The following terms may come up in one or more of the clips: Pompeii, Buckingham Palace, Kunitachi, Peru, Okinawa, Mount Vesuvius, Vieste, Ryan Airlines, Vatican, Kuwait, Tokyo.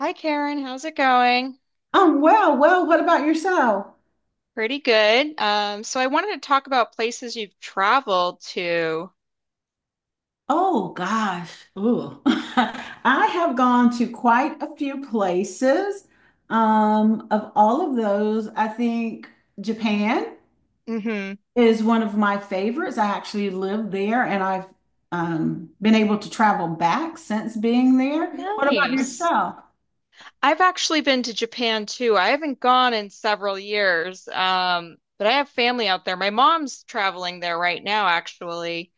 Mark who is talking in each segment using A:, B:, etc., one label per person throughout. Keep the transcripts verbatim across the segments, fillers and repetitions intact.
A: Hi Karen, how's it going?
B: Um, well, well, what about yourself?
A: Pretty good. Um, so I wanted to talk about places you've traveled to.
B: Oh gosh. Ooh. I have gone to quite a few places. Um, of all of those, I think Japan
A: Hmm.
B: is one of my favorites. I actually lived there and I've um, been able to travel back since being there. What about
A: Nice.
B: yourself?
A: I've actually been to Japan too. I haven't gone in several years, um, but I have family out there. My mom's traveling there right now, actually.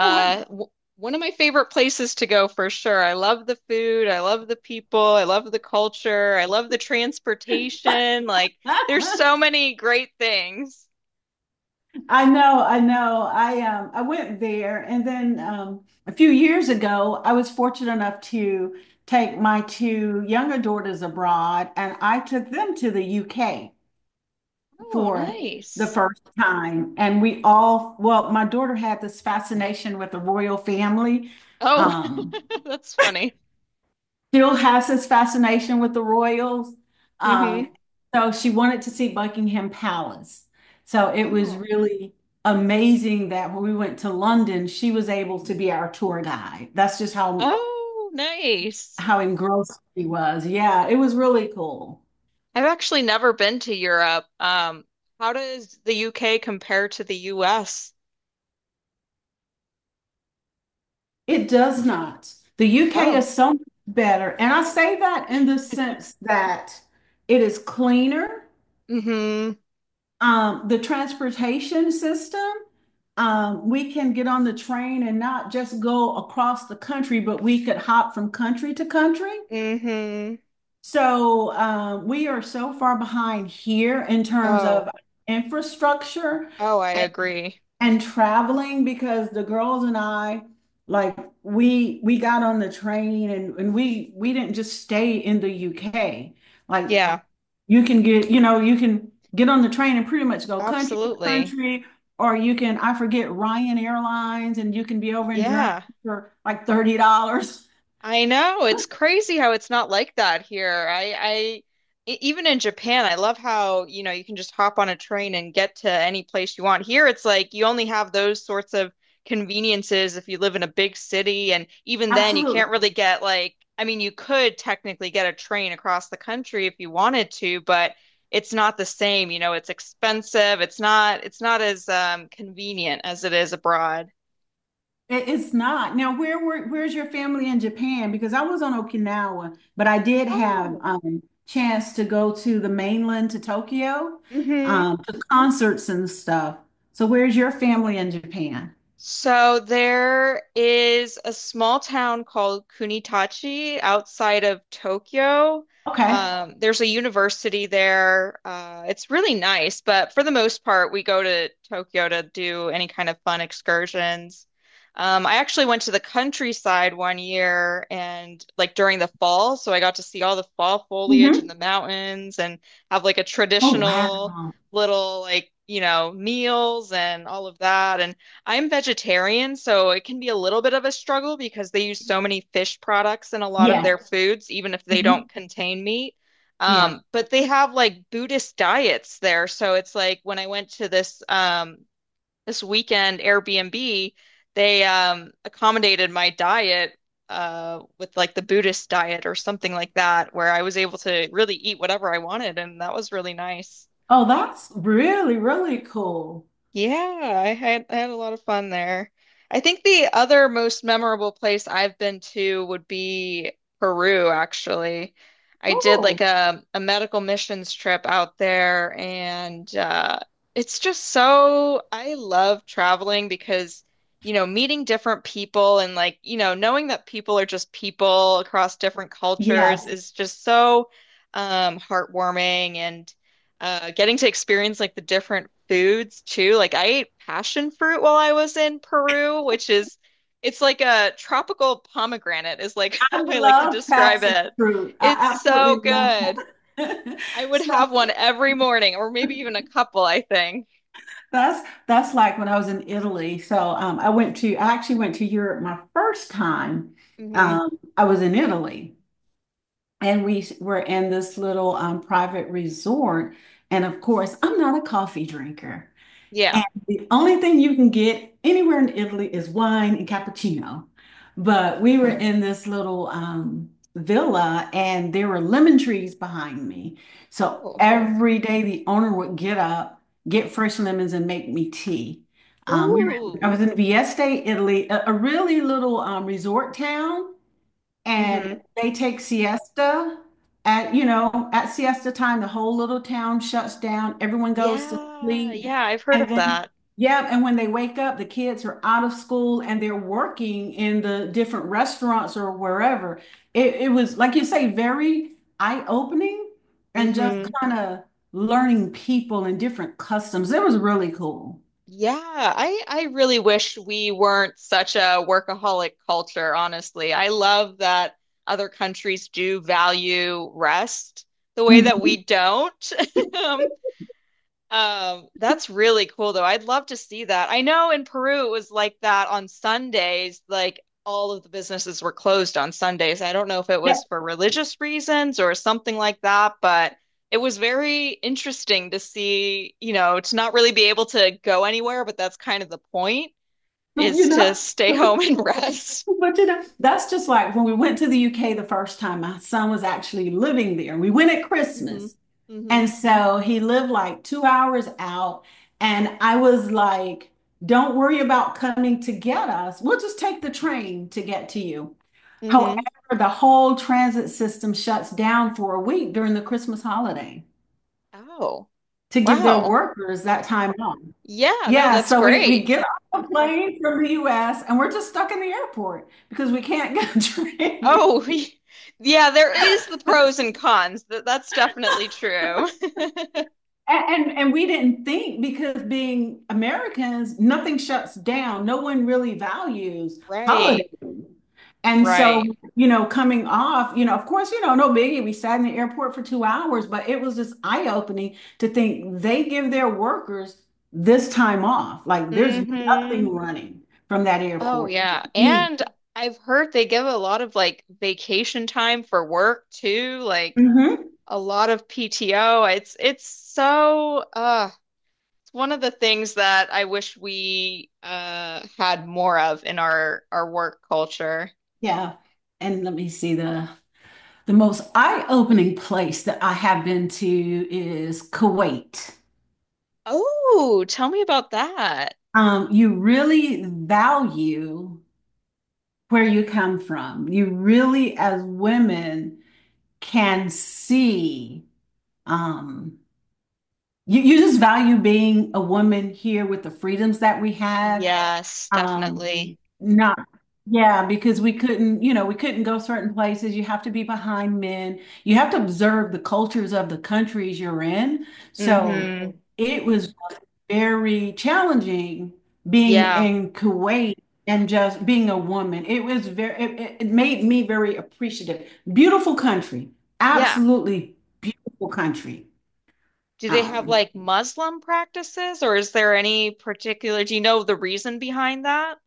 B: Oh,
A: w One of my favorite places to go for sure. I love the food. I love the people. I love the culture. I love the transportation. Like,
B: wow.
A: there's so many great things.
B: I know, I know. I um I went there, and then um a few years ago I was fortunate enough to take my two younger daughters abroad, and I took them to the U K
A: Oh,
B: for the
A: nice.
B: first time. And we all, well, my daughter had this fascination with the royal family.
A: Oh,
B: Um
A: that's funny.
B: Still has this fascination with the royals. Um,
A: Hmm.
B: so she wanted to see Buckingham Palace. So it was
A: Oh.
B: really amazing that when we went to London, she was able to be our tour guide. That's just how
A: Oh, nice.
B: how engrossed she was. Yeah, it was really cool.
A: I've actually never been to Europe. Um, how does the U K compare to the U S?
B: It does not. The U K
A: Oh.
B: is so much better. And I say that in the sense that it is cleaner.
A: mm hmm
B: Um, the transportation system. Um, we can get on the train and not just go across the country, but we could hop from country to country.
A: mm hmm
B: So uh, we are so far behind here in terms of
A: Oh.
B: infrastructure,
A: Oh, I
B: and,
A: agree.
B: and traveling, because the girls and I, like, we we got on the train, and, and we we didn't just stay in the U K. Like,
A: Yeah,
B: you can get, you know, you can get on the train and pretty much go country to
A: absolutely.
B: country, or you can, I forget, Ryan Airlines, and you can be over
A: Yeah.
B: in Germany
A: Yeah.
B: for like thirty dollars.
A: I know. It's crazy how it's not like that here. I, I e- even in Japan, I love how, you know, you can just hop on a train and get to any place you want. Here, it's like you only have those sorts of conveniences if you live in a big city, and even then, you can't
B: Absolutely.
A: really get like, I mean, you could technically get a train across the country if you wanted to, but it's not the same. You know, it's expensive. It's not, it's not as um, convenient as it is abroad.
B: It's not. Now, where were where's your family in Japan? Because I was on Okinawa, but I did have
A: Oh.
B: um chance to go to the mainland to Tokyo,
A: Hmm.
B: um, to concerts and stuff. So where's your family in Japan?
A: So there is a small town called Kunitachi outside of Tokyo.
B: Okay.
A: Um, there's a university there. Uh, it's really nice, but for the most part, we go to Tokyo to do any kind of fun excursions. Um, I actually went to the countryside one year and like during the fall, so I got to see all the fall foliage in the
B: Hmm.
A: mountains and have like a
B: Oh,
A: traditional
B: wow.
A: little like, you know, meals and all of that. And I'm vegetarian, so it can be a little bit of a struggle because they use so many fish products in a lot of
B: Yes.
A: their foods, even if they don't
B: Mhm.
A: contain meat.
B: Yeah.
A: Um, but they have like Buddhist diets there. So it's like when I went to this um this weekend Airbnb, they um accommodated my diet uh with like the Buddhist diet or something like that, where I was able to really eat whatever I wanted, and that was really nice.
B: Oh, that's really, really cool.
A: Yeah, I had I had a lot of fun there. I think the other most memorable place I've been to would be Peru, actually. I did like
B: Cool.
A: a, a medical missions trip out there, and uh, it's just so I love traveling because, you know, meeting different people and like, you know, knowing that people are just people across different
B: Yes.
A: cultures is just so um, heartwarming and uh getting to experience like the different foods too. Like I ate passion fruit while I was in Peru, which is it's like a tropical pomegranate is like
B: I
A: how I like to
B: love
A: describe
B: passion
A: it.
B: fruit.
A: It's
B: I
A: so
B: absolutely love
A: good.
B: passion.
A: I would
B: So
A: have one every morning or maybe even a couple, I think.
B: That's that's like when I was in Italy. So um, I went to I actually went to Europe my first time.
A: Hmm.
B: Um, I was in Italy, and we s- were in this little um, private resort. And of course, I'm not a coffee drinker.
A: Yeah.
B: And the only thing you can get anywhere in Italy is wine and cappuccino. But we were in this little um, villa, and there were lemon trees behind me. So
A: Oh.
B: every day the owner would get up, get fresh lemons, and make me tea. Um, we were, I was in
A: Ooh.
B: Vieste, Italy, a, a really little um, resort town. And
A: Hmm.
B: they take siesta at, you know, at siesta time, the whole little town shuts down. Everyone goes to
A: Yeah.
B: sleep.
A: Yeah, I've heard
B: And
A: of
B: then,
A: that.
B: yeah, and when they wake up, the kids are out of school and they're working in the different restaurants or wherever. It, it was, like you say, very eye-opening and just kind of learning people and different customs. It was really cool.
A: Yeah, I I really wish we weren't such a workaholic culture, honestly. I love that other countries do value rest the way that
B: Mhm.
A: we don't. Um, um, that's really cool though. I'd love to see that. I know in Peru it was like that on Sundays, like all of the businesses were closed on Sundays. I don't know if it
B: Yep.
A: was for religious reasons or something like that, but it was very interesting to see, you know, to not really be able to go anywhere, but that's kind of the point
B: You
A: is to
B: know?
A: stay home and rest.
B: But you know, that's just like when we went to the U K the first time, my son was actually living there. We went at
A: Hmm.
B: Christmas. And
A: Hmm.
B: so he lived like two hours out. And I was like, don't worry about coming to get us. We'll just take the train to get to you. However,
A: Hmm.
B: the whole transit system shuts down for a week during the Christmas holiday
A: Oh,
B: to give their
A: wow.
B: workers that time off.
A: Yeah, no,
B: Yeah,
A: that's
B: so we we
A: great.
B: get off the plane from the U S and we're just stuck in the airport because we can't get a train.
A: Oh, yeah, there is the pros and cons. That that's definitely true.
B: And, and and we didn't think, because being Americans, nothing shuts down. No one really values holiday.
A: Right.
B: And so,
A: Right.
B: you know, coming off, you know, of course, you know, no biggie. We sat in the airport for two hours, but it was just eye-opening to think they give their workers this time off. Like there's
A: Hmm.
B: nothing running from that
A: Oh
B: airport.
A: yeah. And I've heard they give a lot of like vacation time for work too, like
B: Mhm.
A: a lot of P T O. It's it's so uh it's one of the things that I wish we uh had more of in our our work culture.
B: Yeah. And let me see, the the most eye-opening place that I have been to is Kuwait.
A: Oh, tell me about that.
B: Um, you really value where you come from. You really, as women, can see, um, you, you just value being a woman here with the freedoms that we have.
A: Yes,
B: Um,
A: definitely.
B: not, Yeah, because we couldn't, you know, we couldn't go certain places. You have to be behind men. You have to observe the cultures of the countries you're in. So it was very challenging being
A: Yeah.
B: in Kuwait, and just being a woman. It was very, it, it- it made me very appreciative. Beautiful country,
A: Yeah.
B: absolutely beautiful country.
A: Do they have
B: Um,
A: like Muslim practices or is there any particular, do you know the reason behind that?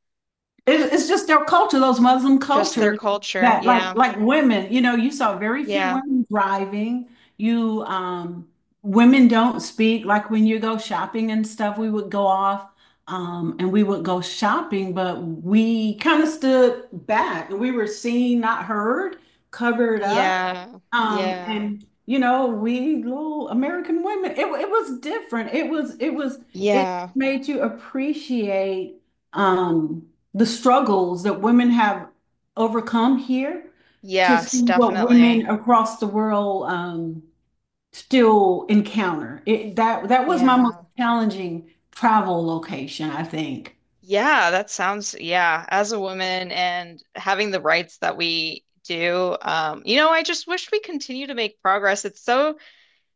B: It's, it's just their culture, those Muslim
A: Just their
B: cultures,
A: culture.
B: that like
A: Yeah.
B: like women, you know, you saw very few
A: Yeah.
B: women driving. You um women don't speak, like when you go shopping and stuff, we would go off um and we would go shopping, but we kind of stood back and we were seen, not heard, covered up.
A: Yeah.
B: Um,
A: Yeah.
B: and you know, we little American women, it, it was different. It was, it was, it
A: Yeah.
B: made you appreciate um the struggles that women have overcome here, to see
A: Yes,
B: what women
A: definitely.
B: across the world um still encounter. It, that that was my most
A: Yeah.
B: challenging travel location, I think.
A: Yeah, that sounds, yeah, as a woman and having the rights that we do, um, you know, I just wish we continue to make progress. It's so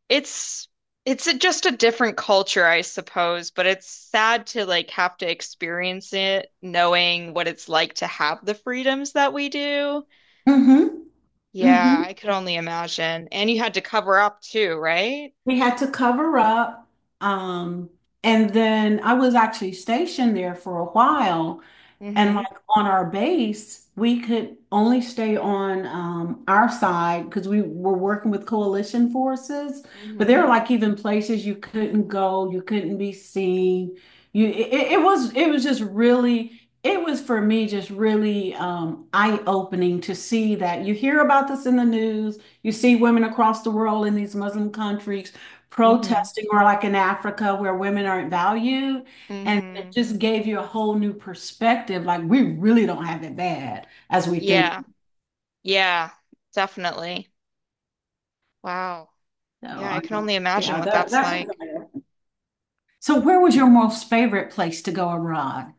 A: it's it's a, just a different culture, I suppose, but it's sad to like have to experience it knowing what it's like to have the freedoms that we do.
B: Hmm.
A: Yeah, I
B: Hmm.
A: could only imagine. And you had to cover up too, right?
B: We had to cover up. Um, and then I was actually stationed there for a while. And like
A: Hmm.
B: on our base, we could only stay on um, our side because we were working with coalition forces. But there
A: Hmm.
B: were like even places you couldn't go, you couldn't be seen. You, it, it was, it was just really, it was for me just really um, eye-opening, to see that you hear about this in the news. You see women across the world in these Muslim countries
A: Hmm.
B: protesting, or like in Africa where women aren't valued. And it
A: Hmm.
B: just gave you a whole new perspective. Like we really don't have it bad as we think.
A: Yeah. Yeah, definitely. Wow. Yeah, I
B: So
A: can only imagine
B: yeah,
A: what
B: that,
A: that's like.
B: that so where was your most favorite place to go abroad?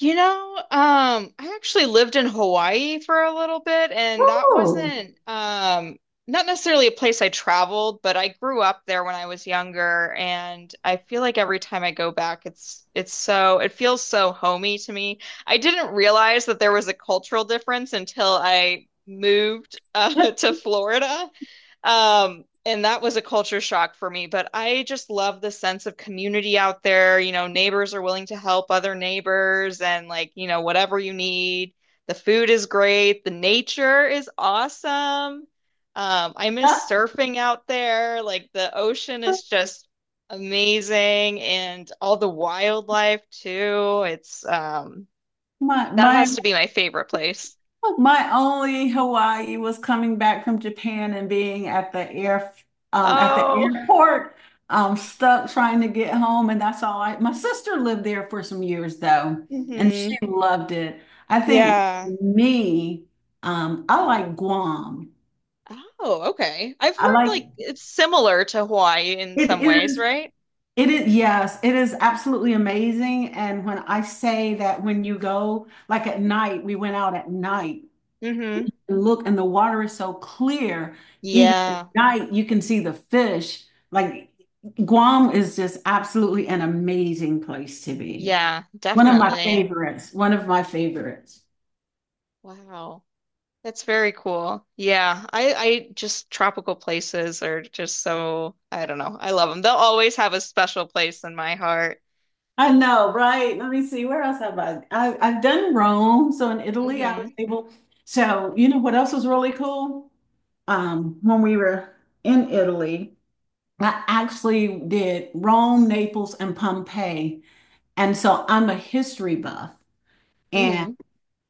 A: You know, um, I actually lived in Hawaii for a little bit, and that
B: Oh,
A: wasn't um, not necessarily a place I traveled, but I grew up there when I was younger, and I feel like every time I go back, it's it's so it feels so homey to me. I didn't realize that there was a cultural difference until I moved uh, to Florida, um, and that was a culture shock for me, but I just love the sense of community out there. You know, neighbors are willing to help other neighbors and like, you know, whatever you need. The food is great. The nature is awesome. Um, I miss surfing out there. Like the ocean is just amazing and all the wildlife too. It's um
B: my
A: that
B: my
A: has to be my favorite place.
B: my only Hawaii was coming back from Japan and being at the air um, at the
A: Oh.
B: airport, um, stuck trying to get home, and that's all I. My sister lived there for some years though, and
A: Hmm.
B: she loved it. I think
A: Yeah.
B: me, um, I like Guam.
A: Oh, okay. I've
B: I
A: heard
B: like,
A: like it's similar to Hawaii in
B: it
A: some ways,
B: is,
A: right?
B: it is, yes, it is absolutely amazing. And when I say that, when you go like at night, we went out at night
A: Mm-hmm.
B: and look, and the water is so clear. Even at
A: Yeah.
B: night, you can see the fish. Like Guam is just absolutely an amazing place to be.
A: Yeah,
B: One of my
A: definitely.
B: favorites. One of my favorites.
A: Wow. That's very cool. Yeah. I I just tropical places are just so I don't know. I love them. They'll always have a special place in my heart.
B: I know, right? Let me see. Where else have I? I I've done Rome. So in Italy, I
A: Mm-hmm.
B: was able. So you know what else was really cool? Um, when we were in Italy, I actually did Rome, Naples, and Pompeii. And so I'm a history buff. And
A: Mm-hmm.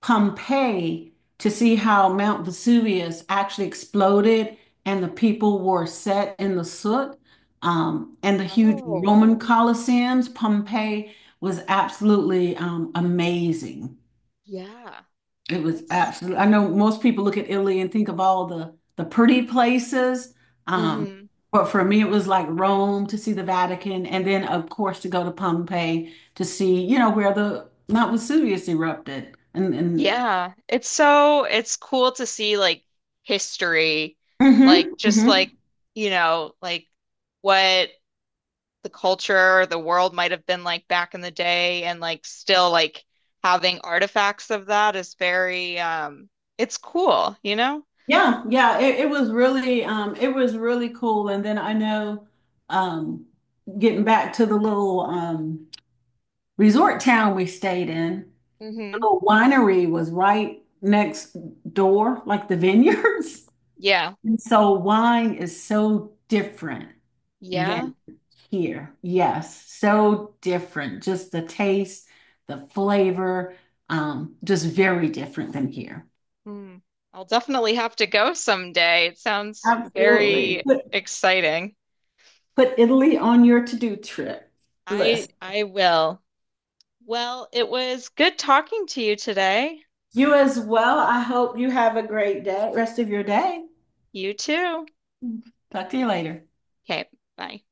B: Pompeii, to see how Mount Vesuvius actually exploded and the people were set in the soot. Um, and the huge
A: Oh,
B: Roman Colosseums, Pompeii, was absolutely um, amazing.
A: yeah.
B: It was
A: That's
B: absolutely, I know most people look at Italy and think of all the, the pretty places. Um,
A: hmm
B: but for me, it was like Rome to see the Vatican, and then, of course, to go to Pompeii to see, you know, where the Mount Vesuvius erupted and, and
A: yeah, it's so it's cool to see like history, like
B: hmm
A: just
B: hmm.
A: like, you know, like what the culture, the world might have been like back in the day and like still like having artifacts of that is very um it's cool, you know?
B: Yeah, yeah. It, it was really um it was really cool. And then I know um getting back to the little um resort town we stayed in, the
A: Hmm.
B: little winery was right next door, like the vineyards.
A: Yeah.
B: And so wine is so different than
A: Yeah.
B: here. Yes, so different. Just the taste, the flavor, um, just very different than here.
A: Hmm. I'll definitely have to go someday. It sounds
B: Absolutely.
A: very exciting.
B: Put Italy on your to-do trip
A: I
B: list.
A: I will. Well, it was good talking to you today.
B: You as well. I hope you have a great day, rest of your day.
A: You too.
B: Talk to you later.
A: Okay, bye.